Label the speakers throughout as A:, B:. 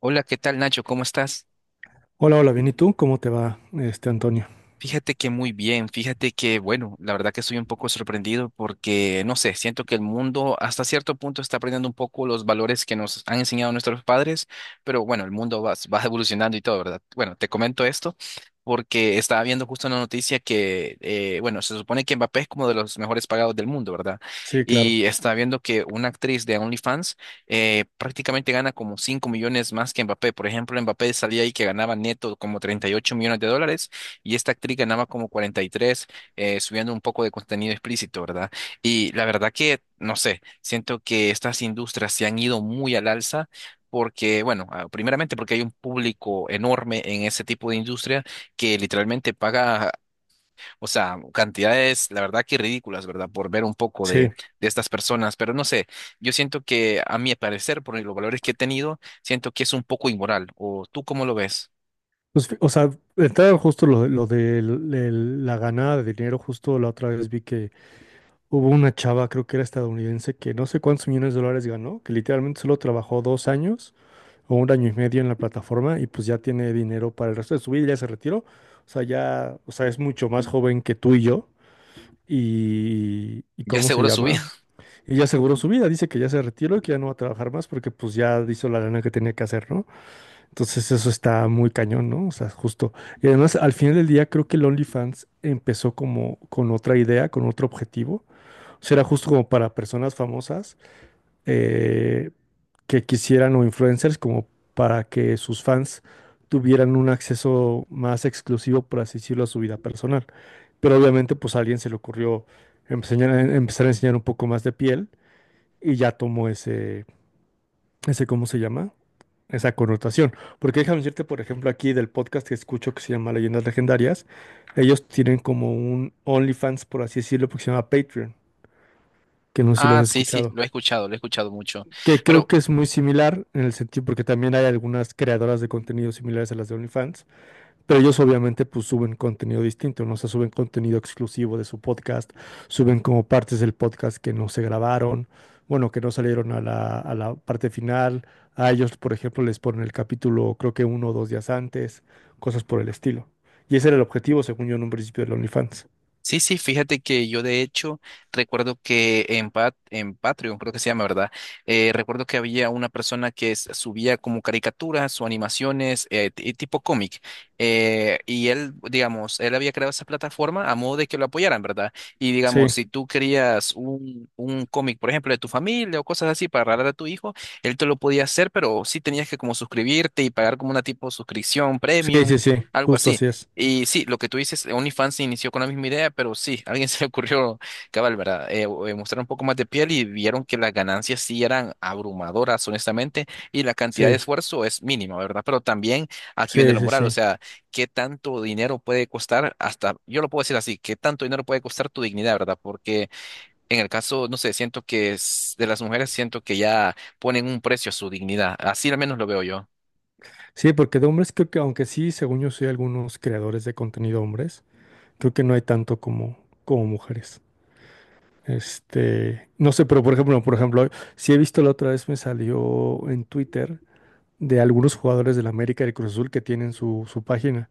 A: Hola, ¿qué tal, Nacho? ¿Cómo estás?
B: Hola, hola, bien. ¿Y tú? ¿Cómo te va, este Antonio?
A: Fíjate que muy bien, fíjate que, bueno, la verdad que estoy un poco sorprendido porque, no sé, siento que el mundo hasta cierto punto está aprendiendo un poco los valores que nos han enseñado nuestros padres, pero bueno, el mundo va evolucionando y todo, ¿verdad? Bueno, te comento esto porque estaba viendo justo una noticia que, bueno, se supone que Mbappé es como de los mejores pagados del mundo, ¿verdad?
B: Sí, claro.
A: Y estaba viendo que una actriz de OnlyFans prácticamente gana como 5 millones más que Mbappé. Por ejemplo, Mbappé salía ahí que ganaba neto como 38 millones de dólares y esta actriz ganaba como 43, subiendo un poco de contenido explícito, ¿verdad? Y la verdad que, no sé, siento que estas industrias se han ido muy al alza porque, bueno, primeramente porque hay un público enorme en ese tipo de industria que literalmente paga, o sea, cantidades, la verdad que ridículas, ¿verdad? Por ver un poco
B: Sí.
A: de estas personas. Pero no sé, yo siento que, a mi parecer, por los valores que he tenido, siento que es un poco inmoral. ¿O tú cómo lo ves?
B: Pues, o sea, entrar justo lo de la ganada de dinero, justo la otra vez vi que hubo una chava, creo que era estadounidense, que no sé cuántos millones de dólares ganó, que literalmente solo trabajó dos años o un año y medio en la plataforma y pues ya tiene dinero para el resto de su vida, ya se retiró. O sea, ya, o sea, es mucho más joven que tú y yo. Y
A: Ya
B: ¿cómo se
A: seguro
B: llama?
A: subiste.
B: Y ya aseguró su vida, dice que ya se retiró y que ya no va a trabajar más porque pues ya hizo la lana que tenía que hacer, ¿no? Entonces eso está muy cañón, ¿no? O sea, justo. Y además al final del día creo que el OnlyFans empezó como con otra idea, con otro objetivo. O sea, era justo como para personas famosas eh, que quisieran o influencers como para que sus fans tuvieran un acceso más exclusivo, por así decirlo, a su vida personal. Pero obviamente pues a alguien se le ocurrió empezar a enseñar un poco más de piel y ya tomó ese, ¿cómo se llama? Esa connotación. Porque déjame decirte, por ejemplo, aquí del podcast que escucho que se llama Leyendas Legendarias, ellos tienen como un OnlyFans, por así decirlo, porque se llama Patreon, que no sé si lo
A: Ah,
B: has
A: sí, sí,
B: escuchado.
A: lo he escuchado mucho.
B: Que creo
A: Pero,
B: que es muy similar en el sentido, porque también hay algunas creadoras de contenido similares a las de OnlyFans. Pero ellos obviamente pues suben contenido distinto, ¿no? O sea, suben contenido exclusivo de su podcast, suben como partes del podcast que no se grabaron, bueno, que no salieron a la parte final. A ellos, por ejemplo, les ponen el capítulo creo que uno o dos días antes, cosas por el estilo. Y ese era el objetivo, según yo, en un principio del OnlyFans.
A: sí, sí, fíjate que yo de hecho recuerdo que en Patreon, creo que se llama, ¿verdad? Recuerdo que había una persona que subía como caricaturas o animaciones tipo cómic. Y él, digamos, él había creado esa plataforma a modo de que lo apoyaran, ¿verdad? Y digamos,
B: Sí,
A: si tú querías un cómic, por ejemplo, de tu familia o cosas así para regalar a tu hijo, él te lo podía hacer, pero sí tenías que como suscribirte y pagar como una tipo suscripción
B: sí,
A: premium,
B: sí, sí,
A: algo
B: justo
A: así.
B: así es.
A: Y sí, lo que tú dices, OnlyFans se inició con la misma idea, pero sí, a alguien se le ocurrió, cabal, ¿verdad? Mostrar un poco más de piel y vieron que las ganancias sí eran abrumadoras, honestamente, y la cantidad de
B: Sí,
A: esfuerzo es mínima, ¿verdad? Pero también aquí viene
B: sí,
A: la
B: sí,
A: moral, o
B: sí.
A: sea, ¿qué tanto dinero puede costar hasta, yo lo puedo decir así, qué tanto dinero puede costar tu dignidad, ¿verdad? Porque en el caso, no sé, siento que es de las mujeres, siento que ya ponen un precio a su dignidad, así al menos lo veo yo.
B: Sí, porque de hombres creo que, aunque sí, según yo, soy algunos creadores de contenido hombres, creo que no hay tanto como, como mujeres. Este, no sé, pero por ejemplo, si he visto, la otra vez me salió en Twitter de algunos jugadores del América y del Cruz Azul que tienen su página.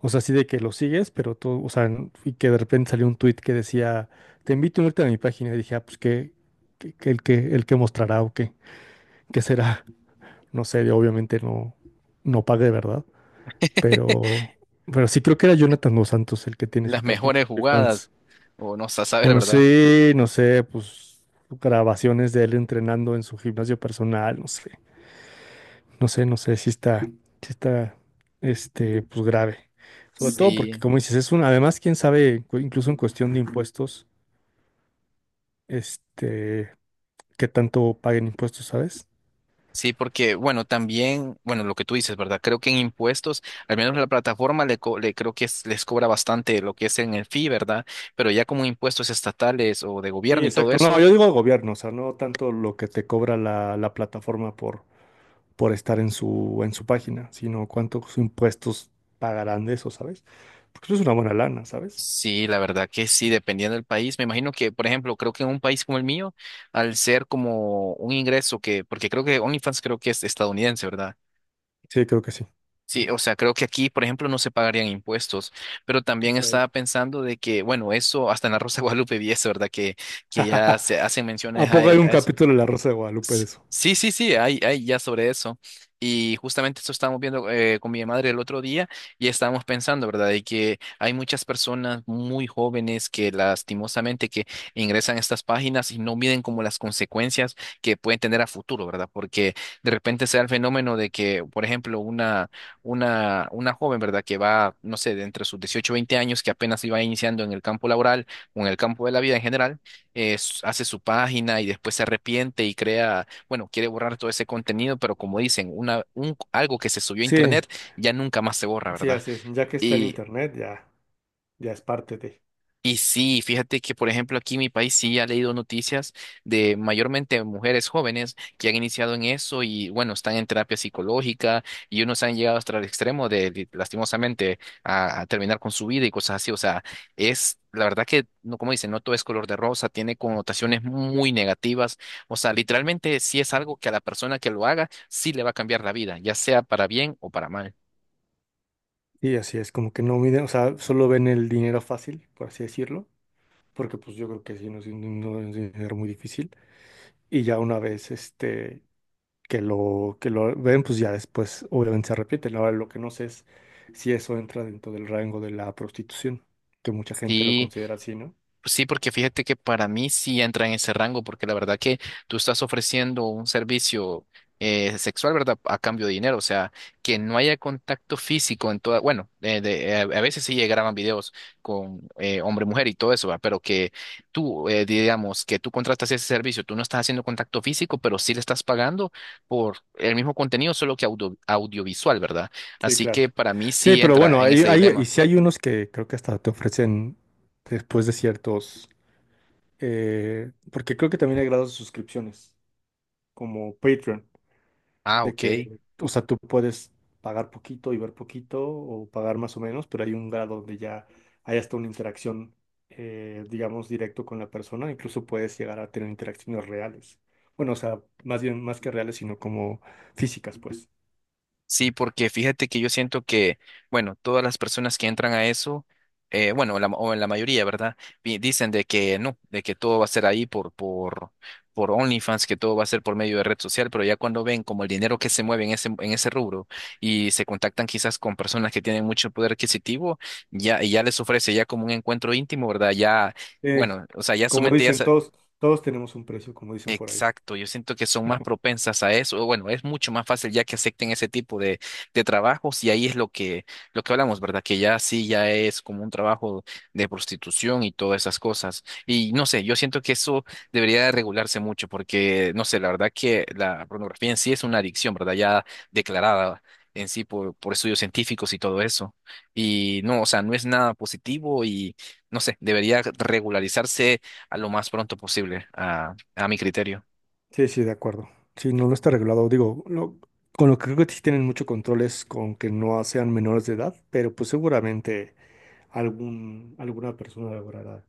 B: O sea, así de que lo sigues, pero todo, o sea, y que de repente salió un tweet que decía, te invito a unirte a mi página. Y dije, ah, pues que, el que mostrará o qué, qué será. No sé, obviamente no, no pagué, ¿verdad? Pero, pero sí creo que era Jonathan Dos Santos el que tiene
A: Las
B: su página
A: mejores
B: de
A: jugadas,
B: OnlyFans.
A: o no sé, a saber,
B: Bueno,
A: ¿verdad?
B: sí, no sé, pues grabaciones de él entrenando en su gimnasio personal, no sé, no sé, no sé si está, este, pues grave. Sobre todo porque,
A: Sí,
B: como dices, es un, además, quién sabe, incluso en cuestión de impuestos, este, qué tanto paguen impuestos, ¿sabes?
A: sí, porque, bueno, también, bueno, lo que tú dices, ¿verdad? Creo que en impuestos, al menos la plataforma le creo que les cobra bastante lo que es en el fee, ¿verdad? Pero ya como impuestos estatales o de
B: Sí,
A: gobierno y todo
B: exacto. No,
A: eso,
B: yo digo el gobierno, o sea, no tanto lo que te cobra la plataforma por estar en su página, sino cuántos impuestos pagarán de eso, ¿sabes? Porque eso es una buena lana, ¿sabes?
A: sí, la verdad que sí, dependiendo del país. Me imagino que, por ejemplo, creo que en un país como el mío, al ser como un ingreso que, porque creo que OnlyFans creo que es estadounidense, ¿verdad?
B: Sí, creo que sí.
A: Sí, o sea, creo que aquí, por ejemplo, no se pagarían impuestos, pero también
B: Ok.
A: estaba pensando de que, bueno, eso hasta en la Rosa de Guadalupe vi eso, ¿verdad? Que ya se hacen
B: ¿A
A: menciones a,
B: poco hay un
A: a eso.
B: capítulo de La Rosa de Guadalupe de
A: Sí,
B: eso?
A: sí, sí, sí, hay ya sobre eso. Y justamente eso estábamos viendo con mi madre el otro día y estábamos pensando, ¿verdad? De que hay muchas personas muy jóvenes que lastimosamente que ingresan a estas páginas y no miden como las consecuencias que pueden tener a futuro, ¿verdad? Porque de repente se da el fenómeno de que, por ejemplo, una joven, ¿verdad? Que va, no sé, de entre sus 18 o 20 años, que apenas iba iniciando en el campo laboral o en el campo de la vida en general hace su página y después se arrepiente y crea, bueno, quiere borrar todo ese contenido, pero como dicen, algo que se subió a
B: Sí,
A: internet ya nunca más se borra,
B: sí,
A: ¿verdad?
B: así es. Ya que está en internet, ya, ya es parte de.
A: Y sí, fíjate que, por ejemplo, aquí en mi país sí ha leído noticias de mayormente mujeres jóvenes que han iniciado en eso y, bueno, están en terapia psicológica y unos han llegado hasta el extremo de, lastimosamente, a terminar con su vida y cosas así. O sea, es la verdad que, no, como dicen, no todo es color de rosa, tiene connotaciones muy negativas. O sea, literalmente sí es algo que a la persona que lo haga sí le va a cambiar la vida, ya sea para bien o para mal.
B: Y así es, como que no miden, o sea, solo ven el dinero fácil, por así decirlo, porque pues yo creo que sí, no es, no es un dinero muy difícil. Y ya una vez este, que lo ven, pues ya después obviamente se arrepienten. Ahora lo que no sé es si eso entra dentro del rango de la prostitución, que mucha gente lo
A: Sí.
B: considera así, ¿no?
A: Sí, porque fíjate que para mí sí entra en ese rango, porque la verdad que tú estás ofreciendo un servicio sexual, ¿verdad? A cambio de dinero, o sea, que no haya contacto físico en toda, bueno, a veces sí llegaban videos con hombre-mujer y todo eso, ¿va? Pero que tú, digamos, que tú contratas ese servicio, tú no estás haciendo contacto físico, pero sí le estás pagando por el mismo contenido, solo que audiovisual, ¿verdad?
B: Sí,
A: Así que
B: claro.
A: para mí
B: Sí,
A: sí
B: pero bueno,
A: entra en ese
B: y
A: dilema.
B: sí hay unos que creo que hasta te ofrecen después de ciertos, porque creo que también hay grados de suscripciones, como Patreon,
A: Ah,
B: de
A: ok.
B: que, o sea, tú puedes pagar poquito y ver poquito, o pagar más o menos, pero hay un grado donde ya hay hasta una interacción, digamos, directo con la persona, incluso puedes llegar a tener interacciones reales. Bueno, o sea, más bien, más que reales, sino como físicas, pues.
A: Sí, porque fíjate que yo siento que, bueno, todas las personas que entran a eso, bueno, la, o la mayoría, ¿verdad? Dicen de que no, de que todo va a ser ahí por OnlyFans, que todo va a ser por medio de red social, pero ya cuando ven como el dinero que se mueve en en ese rubro y se contactan quizás con personas que tienen mucho poder adquisitivo, ya, y ya les ofrece ya como un encuentro íntimo, ¿verdad? Ya, bueno, o sea, ya su
B: Como
A: mente ya,
B: dicen todos tenemos un precio, como dicen por ahí.
A: exacto, yo siento que son más propensas a eso. O bueno, es mucho más fácil ya que acepten ese tipo de trabajos y ahí es lo que hablamos, ¿verdad? Que ya sí, ya es como un trabajo de prostitución y todas esas cosas. Y no sé, yo siento que eso debería de regularse mucho porque, no sé, la verdad que la pornografía en sí es una adicción, ¿verdad? Ya declarada en sí por estudios científicos y todo eso. Y no, o sea, no es nada positivo y, no sé, debería regularizarse a lo más pronto posible a mi criterio.
B: Sí, sí, de acuerdo. Sí, no, no está regulado. Digo, no, con lo que creo que sí tienen mucho control es con que no sean menores de edad, pero pues seguramente alguna persona logrará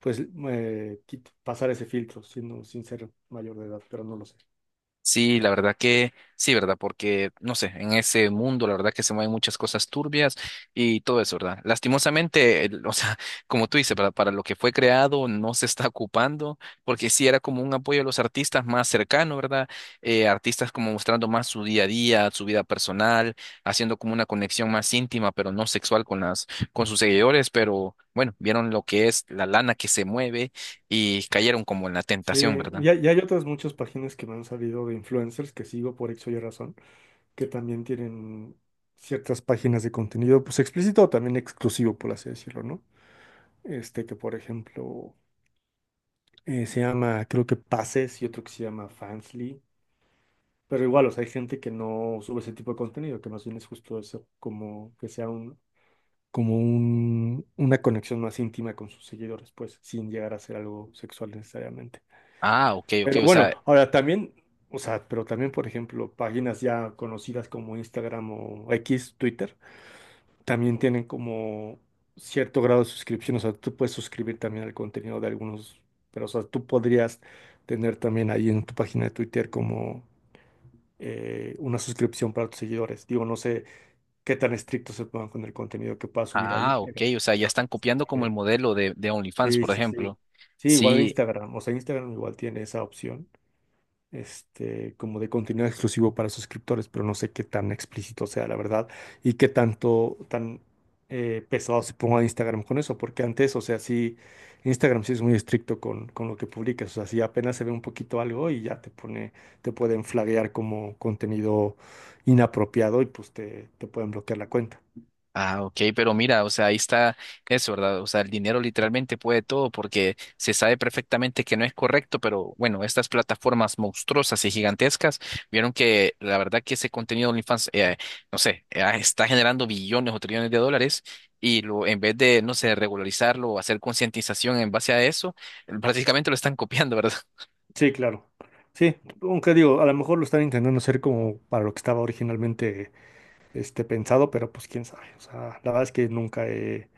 B: pues pasar ese filtro sin ser mayor de edad, pero no lo sé.
A: Sí, la verdad que sí, ¿verdad? Porque, no sé, en ese mundo, la verdad que se mueven muchas cosas turbias y todo eso, ¿verdad? Lastimosamente, o sea, como tú dices, ¿verdad? Para lo que fue creado no se está ocupando, porque sí era como un apoyo a los artistas más cercano, ¿verdad? Artistas como mostrando más su día a día, su vida personal, haciendo como una conexión más íntima, pero no sexual con las, con sus seguidores, pero bueno, vieron lo que es la lana que se mueve y cayeron como en la
B: Sí,
A: tentación, ¿verdad?
B: y hay otras muchas páginas que me han salido de influencers que sigo por X o Y razón, que también tienen ciertas páginas de contenido, pues explícito o también exclusivo, por así decirlo, ¿no? Este que por ejemplo se llama, creo que Pases y otro que se llama Fansly, pero igual, o sea, hay gente que no sube ese tipo de contenido, que más bien es justo eso, como que sea un, como una conexión más íntima con sus seguidores, pues, sin llegar a ser algo sexual necesariamente.
A: Ah, ok, ok,
B: Pero
A: o
B: bueno,
A: sea,
B: ahora también, o sea, pero también, por ejemplo, páginas ya conocidas como Instagram o X, Twitter. También tienen como cierto grado de suscripción, o sea, tú puedes suscribir también al contenido de algunos, pero o sea, tú podrías tener también ahí en tu página de Twitter como una suscripción para tus seguidores. Digo, no sé qué tan estrictos se pongan con el contenido que puedas subir ahí,
A: ah, ok, o sea, ya
B: pero
A: están
B: también se
A: copiando como el
B: puede.
A: modelo de OnlyFans,
B: Sí,
A: por
B: sí, sí.
A: ejemplo.
B: Sí, igual en
A: Sí,
B: Instagram, o sea, Instagram igual tiene esa opción este, como de contenido exclusivo para suscriptores, pero no sé qué tan explícito sea, la verdad, y qué tan pesado se ponga Instagram con eso, porque antes, o sea, sí, Instagram sí es muy estricto con lo que publicas, o sea, si apenas se ve un poquito algo y ya te pone, te pueden flaguear como contenido inapropiado y pues te pueden bloquear la cuenta.
A: ah, ok, pero mira, o sea, ahí está eso, ¿verdad? O sea, el dinero literalmente puede todo porque se sabe perfectamente que no es correcto, pero bueno, estas plataformas monstruosas y gigantescas vieron que la verdad que ese contenido de OnlyFans, no sé, ah, está generando billones o trillones de dólares. Y lo, en vez de, no sé, regularizarlo o hacer concientización en base a eso, prácticamente lo están copiando, ¿verdad?
B: Sí, claro. Sí, aunque digo, a lo mejor lo están intentando hacer como para lo que estaba originalmente este, pensado, pero pues quién sabe. O sea, la verdad es que nunca he,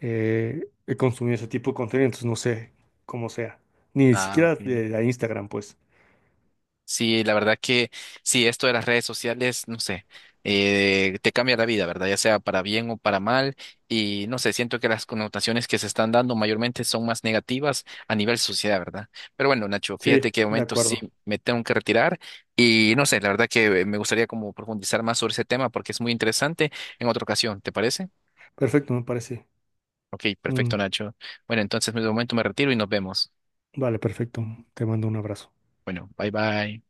B: he consumido ese tipo de contenido, entonces no sé cómo sea. Ni
A: Ah,
B: siquiera
A: ok.
B: de Instagram, pues.
A: Sí, la verdad que sí, esto de las redes sociales, no sé, te cambia la vida, ¿verdad? Ya sea para bien o para mal. Y no sé, siento que las connotaciones que se están dando mayormente son más negativas a nivel sociedad, ¿verdad? Pero bueno, Nacho,
B: Sí,
A: fíjate que de
B: de
A: momento sí
B: acuerdo.
A: me tengo que retirar y no sé, la verdad que me gustaría como profundizar más sobre ese tema porque es muy interesante en otra ocasión, ¿te parece?
B: Perfecto, me parece.
A: Ok,
B: Mm,
A: perfecto, Nacho. Bueno, entonces de momento me retiro y nos vemos.
B: vale, perfecto. Te mando un abrazo.
A: Bueno, bye bye.